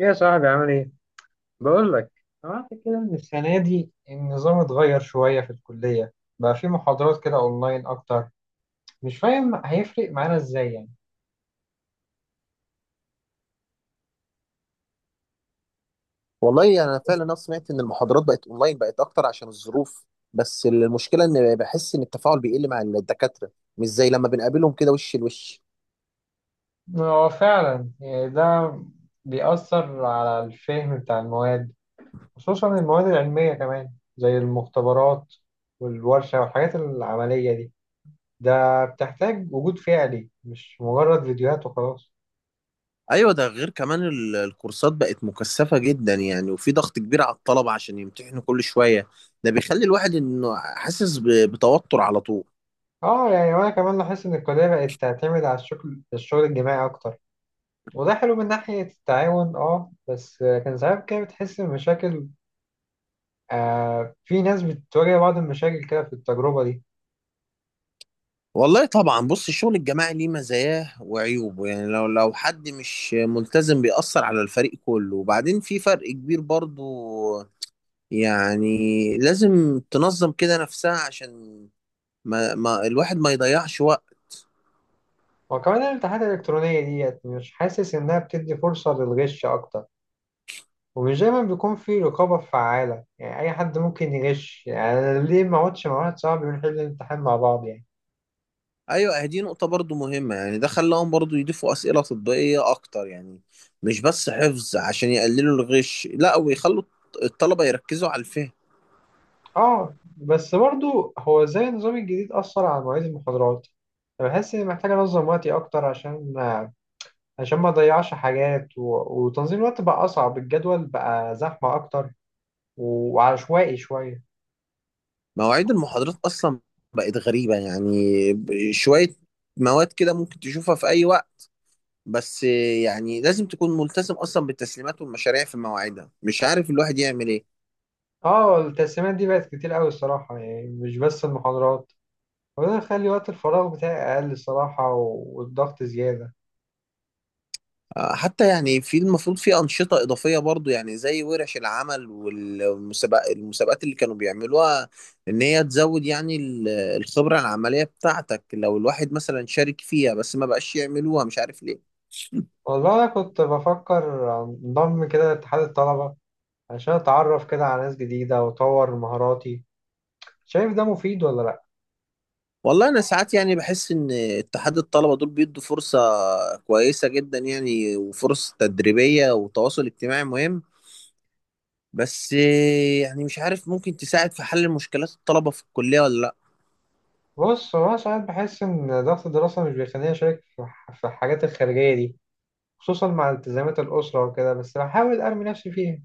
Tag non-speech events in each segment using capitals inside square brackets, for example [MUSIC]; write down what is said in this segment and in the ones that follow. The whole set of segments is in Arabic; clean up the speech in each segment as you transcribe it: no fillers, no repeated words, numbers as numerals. ايه يا صاحبي عامل ايه؟ بقول لك، سمعت كده ان السنة دي النظام اتغير شوية في الكلية، بقى في محاضرات كده اونلاين اكتر. مش فاهم هيفرق معانا ازاي يعني. والله انا فعلا، انا سمعت ان المحاضرات بقت اونلاين، بقت اكتر عشان الظروف. بس المشكله ان بحس ان التفاعل بيقل مع الدكاتره، مش زي لما بنقابلهم كده وش لوش. هو فعلا يعني ده بيأثر على الفهم بتاع المواد، خصوصا المواد العلمية كمان، زي المختبرات والورشة والحاجات العملية دي، ده بتحتاج وجود فعلي مش مجرد فيديوهات وخلاص. ايوه، ده غير كمان الكورسات بقت مكثفه جدا يعني، وفي ضغط كبير على الطلبه عشان يمتحنوا كل شويه. ده بيخلي الواحد انه حاسس بتوتر على طول. اه يعني وانا كمان لاحظت ان الكلية بقت تعتمد على الشغل الجماعي اكتر، وده حلو من ناحية التعاون. اه بس كان ساعات كده بتحس بمشاكل. في ناس بتواجه بعض المشاكل كده في التجربة دي. والله طبعا بص، الشغل الجماعي ليه مزاياه وعيوبه، يعني لو حد مش ملتزم بيأثر على الفريق كله، وبعدين في فرق كبير برضو. يعني لازم تنظم كده نفسها عشان ما الواحد ما يضيعش وقت. وكمان الامتحانات الإلكترونية ديت مش حاسس إنها بتدي فرصة للغش أكتر، ومش دايما بيكون في رقابة فعالة. يعني أي حد ممكن يغش، يعني أنا ليه ما أقعدش مع واحد صاحبي ونحل الامتحان مع بعض يعني. ايوه دي نقطة برضو مهمة، يعني ده خلاهم برضو يضيفوا أسئلة تطبيقية اكتر يعني، مش بس حفظ عشان يقللوا الغش. لا، ويخلوا الطلبة يركزوا على الفهم. اه بس برضو، هو ازاي النظام الجديد أثر على مواعيد المحاضرات؟ أنا بحس إني محتاج أنظم وقتي أكتر عشان ما اضيعش حاجات وتنظيم الوقت بقى اصعب. الجدول بقى زحمه اكتر وعشوائي شويه. مواعيد المحاضرات اصلا بقت غريبة يعني، شوية مواد كده ممكن تشوفها في اي وقت. بس يعني لازم تكون ملتزم اصلا بالتسليمات والمشاريع في مواعيدها، مش عارف الواحد يعمل ايه. اه التقسيمات دي بقت كتير قوي الصراحه، يعني مش بس المحاضرات. وده يخلي وقت الفراغ بتاعي اقل الصراحه والضغط زياده. حتى يعني في المفروض في أنشطة إضافية برضو، يعني زي ورش العمل والمسابقات اللي كانوا بيعملوها، إن هي تزود يعني الخبرة العملية بتاعتك لو الواحد مثلا شارك فيها. بس ما بقاش يعملوها مش عارف ليه. والله انا كنت بفكر انضم كده لاتحاد الطلبه عشان اتعرف كده على ناس جديده واطور مهاراتي. شايف ده مفيد ولا لا؟ والله أنا ساعات يعني بحس إن اتحاد الطلبة دول بيدوا فرصة كويسة جدا يعني، وفرص تدريبية وتواصل اجتماعي مهم. بس يعني مش عارف ممكن تساعد في حل مشكلات الطلبة في الكلية ولا لأ. بص، هو أنا ساعات بحس ان ضغط الدراسه مش بيخليني اشارك في الحاجات الخارجيه دي، خصوصا مع التزامات الأسرة وكده، بس بحاول أرمي نفسي فيها.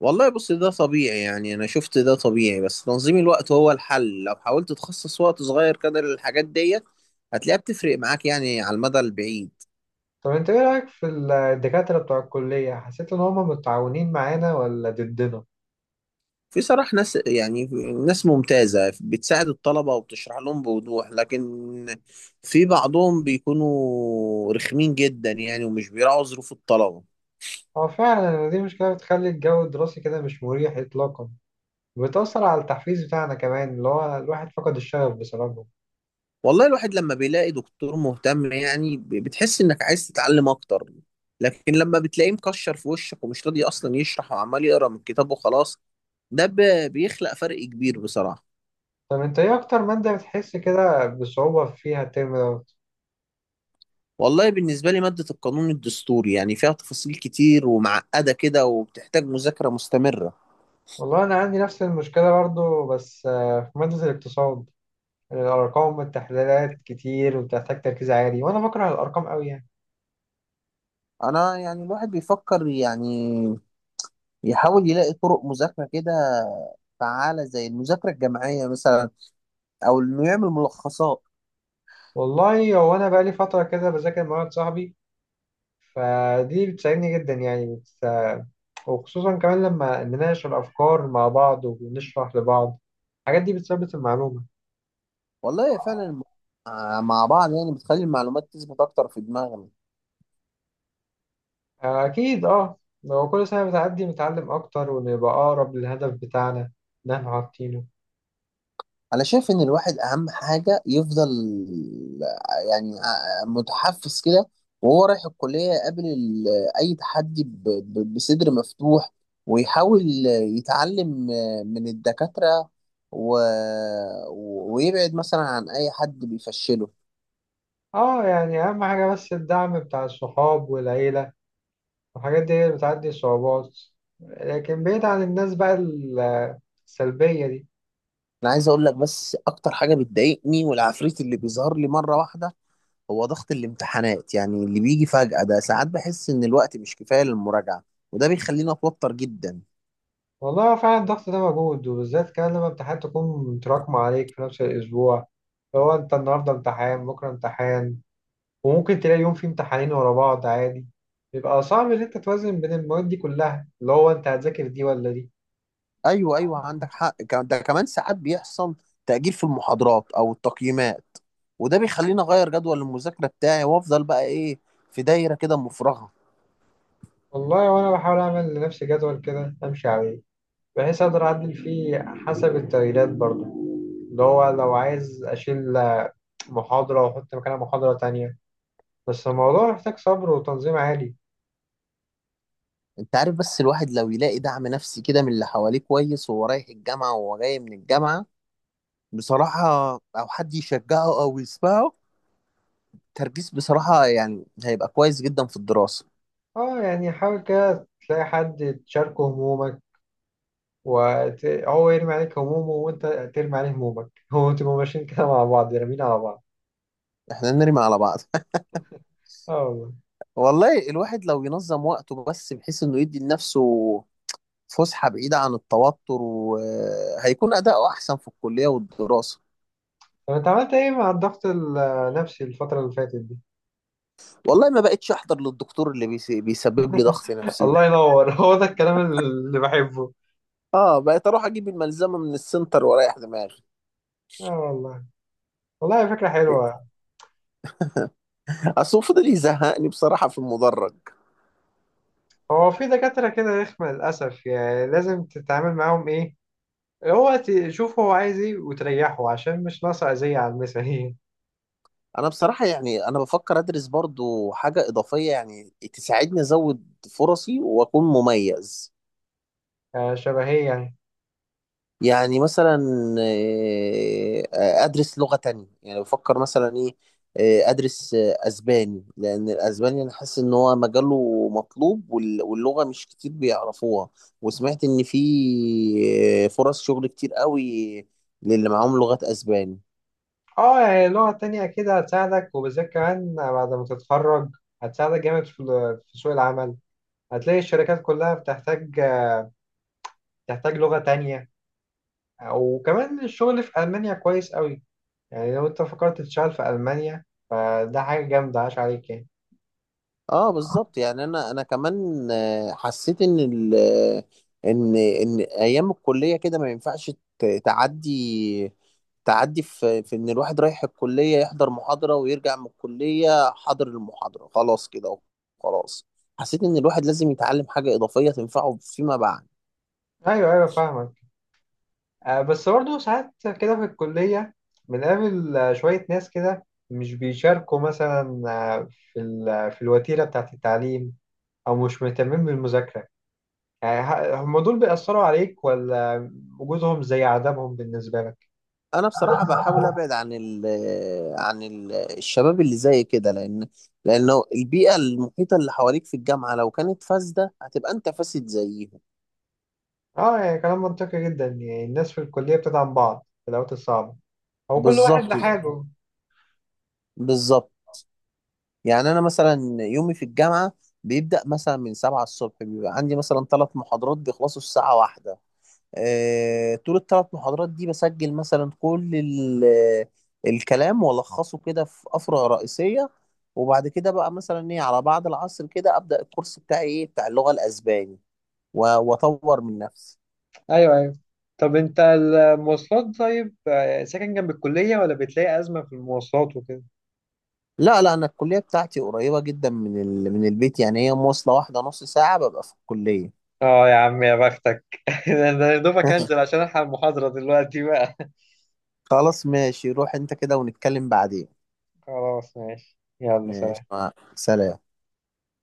والله بص، ده طبيعي، يعني انا شفت ده طبيعي. بس تنظيم الوقت هو الحل، لو حاولت تخصص وقت صغير كده للحاجات ديت هتلاقيها بتفرق معاك يعني على المدى البعيد. طب أنت إيه رأيك في الدكاترة بتوع الكلية؟ حسيت إن هما متعاونين معانا ولا ضدنا؟ في صراحة ناس، يعني ناس ممتازة بتساعد الطلبة وبتشرح لهم بوضوح، لكن في بعضهم بيكونوا رخمين جدا يعني، ومش بيراعوا ظروف الطلبة. هو فعلا يعني دي مشكلة بتخلي الجو الدراسي كده مش مريح إطلاقا، وبتأثر على التحفيز بتاعنا كمان، اللي هو الواحد فقد الشغف بسببه. والله الواحد لما بيلاقي دكتور مهتم يعني بتحس انك عايز تتعلم اكتر، لكن لما بتلاقيه مكشر في وشك، ومش راضي اصلا يشرح وعمال يقرا من الكتاب وخلاص، ده بيخلق فرق كبير بصراحة. طب أنت إيه أكتر مادة بتحس كده بصعوبة فيها الترم دوت؟ والله بالنسبة لي مادة القانون الدستوري، يعني فيها تفاصيل كتير ومعقدة كده، وبتحتاج مذاكرة مستمرة. والله أنا عندي نفس المشكلة برضو، بس في مادة الاقتصاد الأرقام والتحليلات كتير، وبتحتاج تركيز عالي، وأنا بكره الأرقام أوي يعني. انا يعني الواحد بيفكر يعني يحاول يلاقي طرق مذاكرة كده فعالة، زي المذاكرة الجماعية مثلا، او انه يعمل ملخصات. والله هو انا بقالي فتره كده بذاكر مع واحد صاحبي، فدي بتساعدني جدا يعني وخصوصا كمان لما نناقش الافكار مع بعض ونشرح لبعض، الحاجات دي بتثبت المعلومه. والله هي فعلا مع بعض يعني بتخلي المعلومات تثبت اكتر في دماغنا. اكيد اه. لو كل سنه بتعدي بنتعلم اكتر ونبقى اقرب للهدف بتاعنا اللي احنا حاطينه. انا شايف ان الواحد اهم حاجه يفضل يعني متحفز كده، وهو رايح الكليه يقابل اي تحدي بصدر مفتوح، ويحاول يتعلم من الدكاتره، و... ويبعد مثلا عن اي حد بيفشله. اه يعني اهم حاجه بس الدعم بتاع الصحاب والعيله والحاجات دي، هي اللي بتعدي الصعوبات، لكن بعيد عن الناس بقى السلبيه دي. انا عايز اقول لك بس اكتر حاجه بتضايقني والعفريت اللي بيظهر لي مره واحده هو ضغط الامتحانات، يعني اللي بيجي فجأة ده. ساعات بحس إن الوقت مش كفاية للمراجعة، وده بيخليني أتوتر جدا. والله هو فعلا الضغط ده موجود، وبالذات كمان لما امتحانات تكون متراكمة عليك في نفس الأسبوع. لو أنت النهاردة امتحان بكرة امتحان، وممكن تلاقي يوم فيه امتحانين ورا بعض عادي. بيبقى صعب إن أنت توازن بين المواد دي كلها، اللي هو أنت هتذاكر دي ولا دي. أيوه أيوه عندك حق، ده كمان ساعات بيحصل تأجيل في المحاضرات أو التقييمات، وده بيخليني أغير جدول المذاكرة بتاعي، وأفضل بقى إيه، في دايرة كده مفرغة. والله وأنا بحاول أعمل لنفسي جدول كده أمشي عليه، بحيث أقدر أعدل فيه حسب التغييرات برضه، اللي هو لو عايز أشيل محاضرة وأحط مكانها محاضرة تانية، بس الموضوع محتاج صبر وتنظيم عالي. أنت عارف، بس الواحد لو يلاقي دعم نفسي كده من اللي حواليه كويس، وهو رايح الجامعة وهو جاي من الجامعة بصراحة، أو حد يشجعه أو يسمعه، تركيز بصراحة يعني هيبقى كويس جدا في الدراسة. اه يعني حاول كده تلاقي حد تشاركه همومك هو يرمي عليك همومه وانت ترمي عليه همومك. [LAUGHS] هو تبقوا ماشيين كده مع بعض رامين على بعض. احنا نرمي على بعض. اه والله. والله الواحد لو ينظم وقته بس، بحيث انه يدي لنفسه فسحة بعيدة عن التوتر، وهيكون أداؤه أحسن في الكلية والدراسة. طب انت عملت ايه مع الضغط النفسي الفترة اللي فاتت دي؟ والله ما بقتش أحضر للدكتور اللي بيسبب لي ضغط [LAUGHS] نفسي الله ده. ينور، هو ده الكلام اللي بحبه. اه، بقيت أروح أجيب الملزمة من السنتر وأريح دماغي. اه والله. والله فكرة حلوة. أصل هو فضل يزهقني بصراحة في المدرج. هو في دكاترة كده رخمة للأسف، يعني لازم تتعامل معاهم ايه، هو تشوف هو عايز ايه وتريحه عشان مش ناقصة أذية على المثالية. أنا بصراحة يعني أنا بفكر أدرس برضو حاجة إضافية، يعني تساعدني أزود فرصي وأكون مميز. [LAUGHS] شبهية. يعني مثلا ادرس لغة تانية، يعني بفكر مثلا ايه ادرس اسباني، لان الاسباني انا حاسس ان هو مجاله مطلوب، واللغة مش كتير بيعرفوها. وسمعت ان في فرص شغل كتير قوي للي معاهم لغات اسباني. اه يعني لغة تانية كده هتساعدك، وبالذات كمان بعد ما تتخرج هتساعدك جامد في سوق العمل. هتلاقي الشركات كلها بتحتاج لغة تانية. وكمان الشغل في ألمانيا كويس قوي، يعني لو انت فكرت تشتغل في ألمانيا فده حاجة جامدة عاش عليك يعني. اه بالظبط، يعني انا كمان حسيت ان ال آه، ان ان ايام الكليه كده ما ينفعش تعدي تعدي في ان الواحد رايح الكليه يحضر محاضره ويرجع من الكليه حاضر المحاضره خلاص كده. خلاص. حسيت ان الواحد لازم يتعلم حاجه اضافيه تنفعه فيما بعد. أيوه أيوه فاهمك. بس برضه ساعات كده في الكلية بنقابل شوية ناس كده مش بيشاركوا مثلا في في الوتيرة بتاعة التعليم، أو مش مهتمين بالمذاكرة. يعني هم دول بيأثروا عليك ولا وجودهم زي عدمهم بالنسبة لك؟ انا بصراحه بحاول ابعد عن ال الشباب اللي زي كده، لانه البيئه المحيطه اللي حواليك في الجامعه لو كانت فاسده، هتبقى انت فاسد زيهم. اه يعني كلام منطقي جدا. يعني الناس في الكلية بتدعم بعض في الأوقات الصعبة، هو كل واحد بالظبط، لحاله. بالظبط. يعني انا مثلا يومي في الجامعه بيبدا مثلا من 7 الصبح، بيبقى عندي مثلا 3 محاضرات بيخلصوا الساعه 1. طول ال 3 محاضرات دي بسجل مثلا كل الكلام والخصه كده في افرع رئيسيه. وبعد كده بقى مثلا ايه على بعد العصر كده ابدا الكورس بتاعي ايه بتاع اللغه الاسباني، واطور من نفسي. ايوه ايوه. طب انت المواصلات، طيب ساكن جنب الكلية ولا بتلاقي أزمة في المواصلات وكده؟ لا لا، انا الكليه بتاعتي قريبه جدا من من البيت، يعني هي مواصله واحده نص ساعه ببقى في الكليه. اه يا عم يا بختك. [LAUGHS] ده انا يا دوبك هنزل عشان الحق المحاضرة دلوقتي بقى. خلاص ماشي، روح انت كده ونتكلم بعدين. [LAUGHS] خلاص ماشي يلا ماشي، سلام. سلام.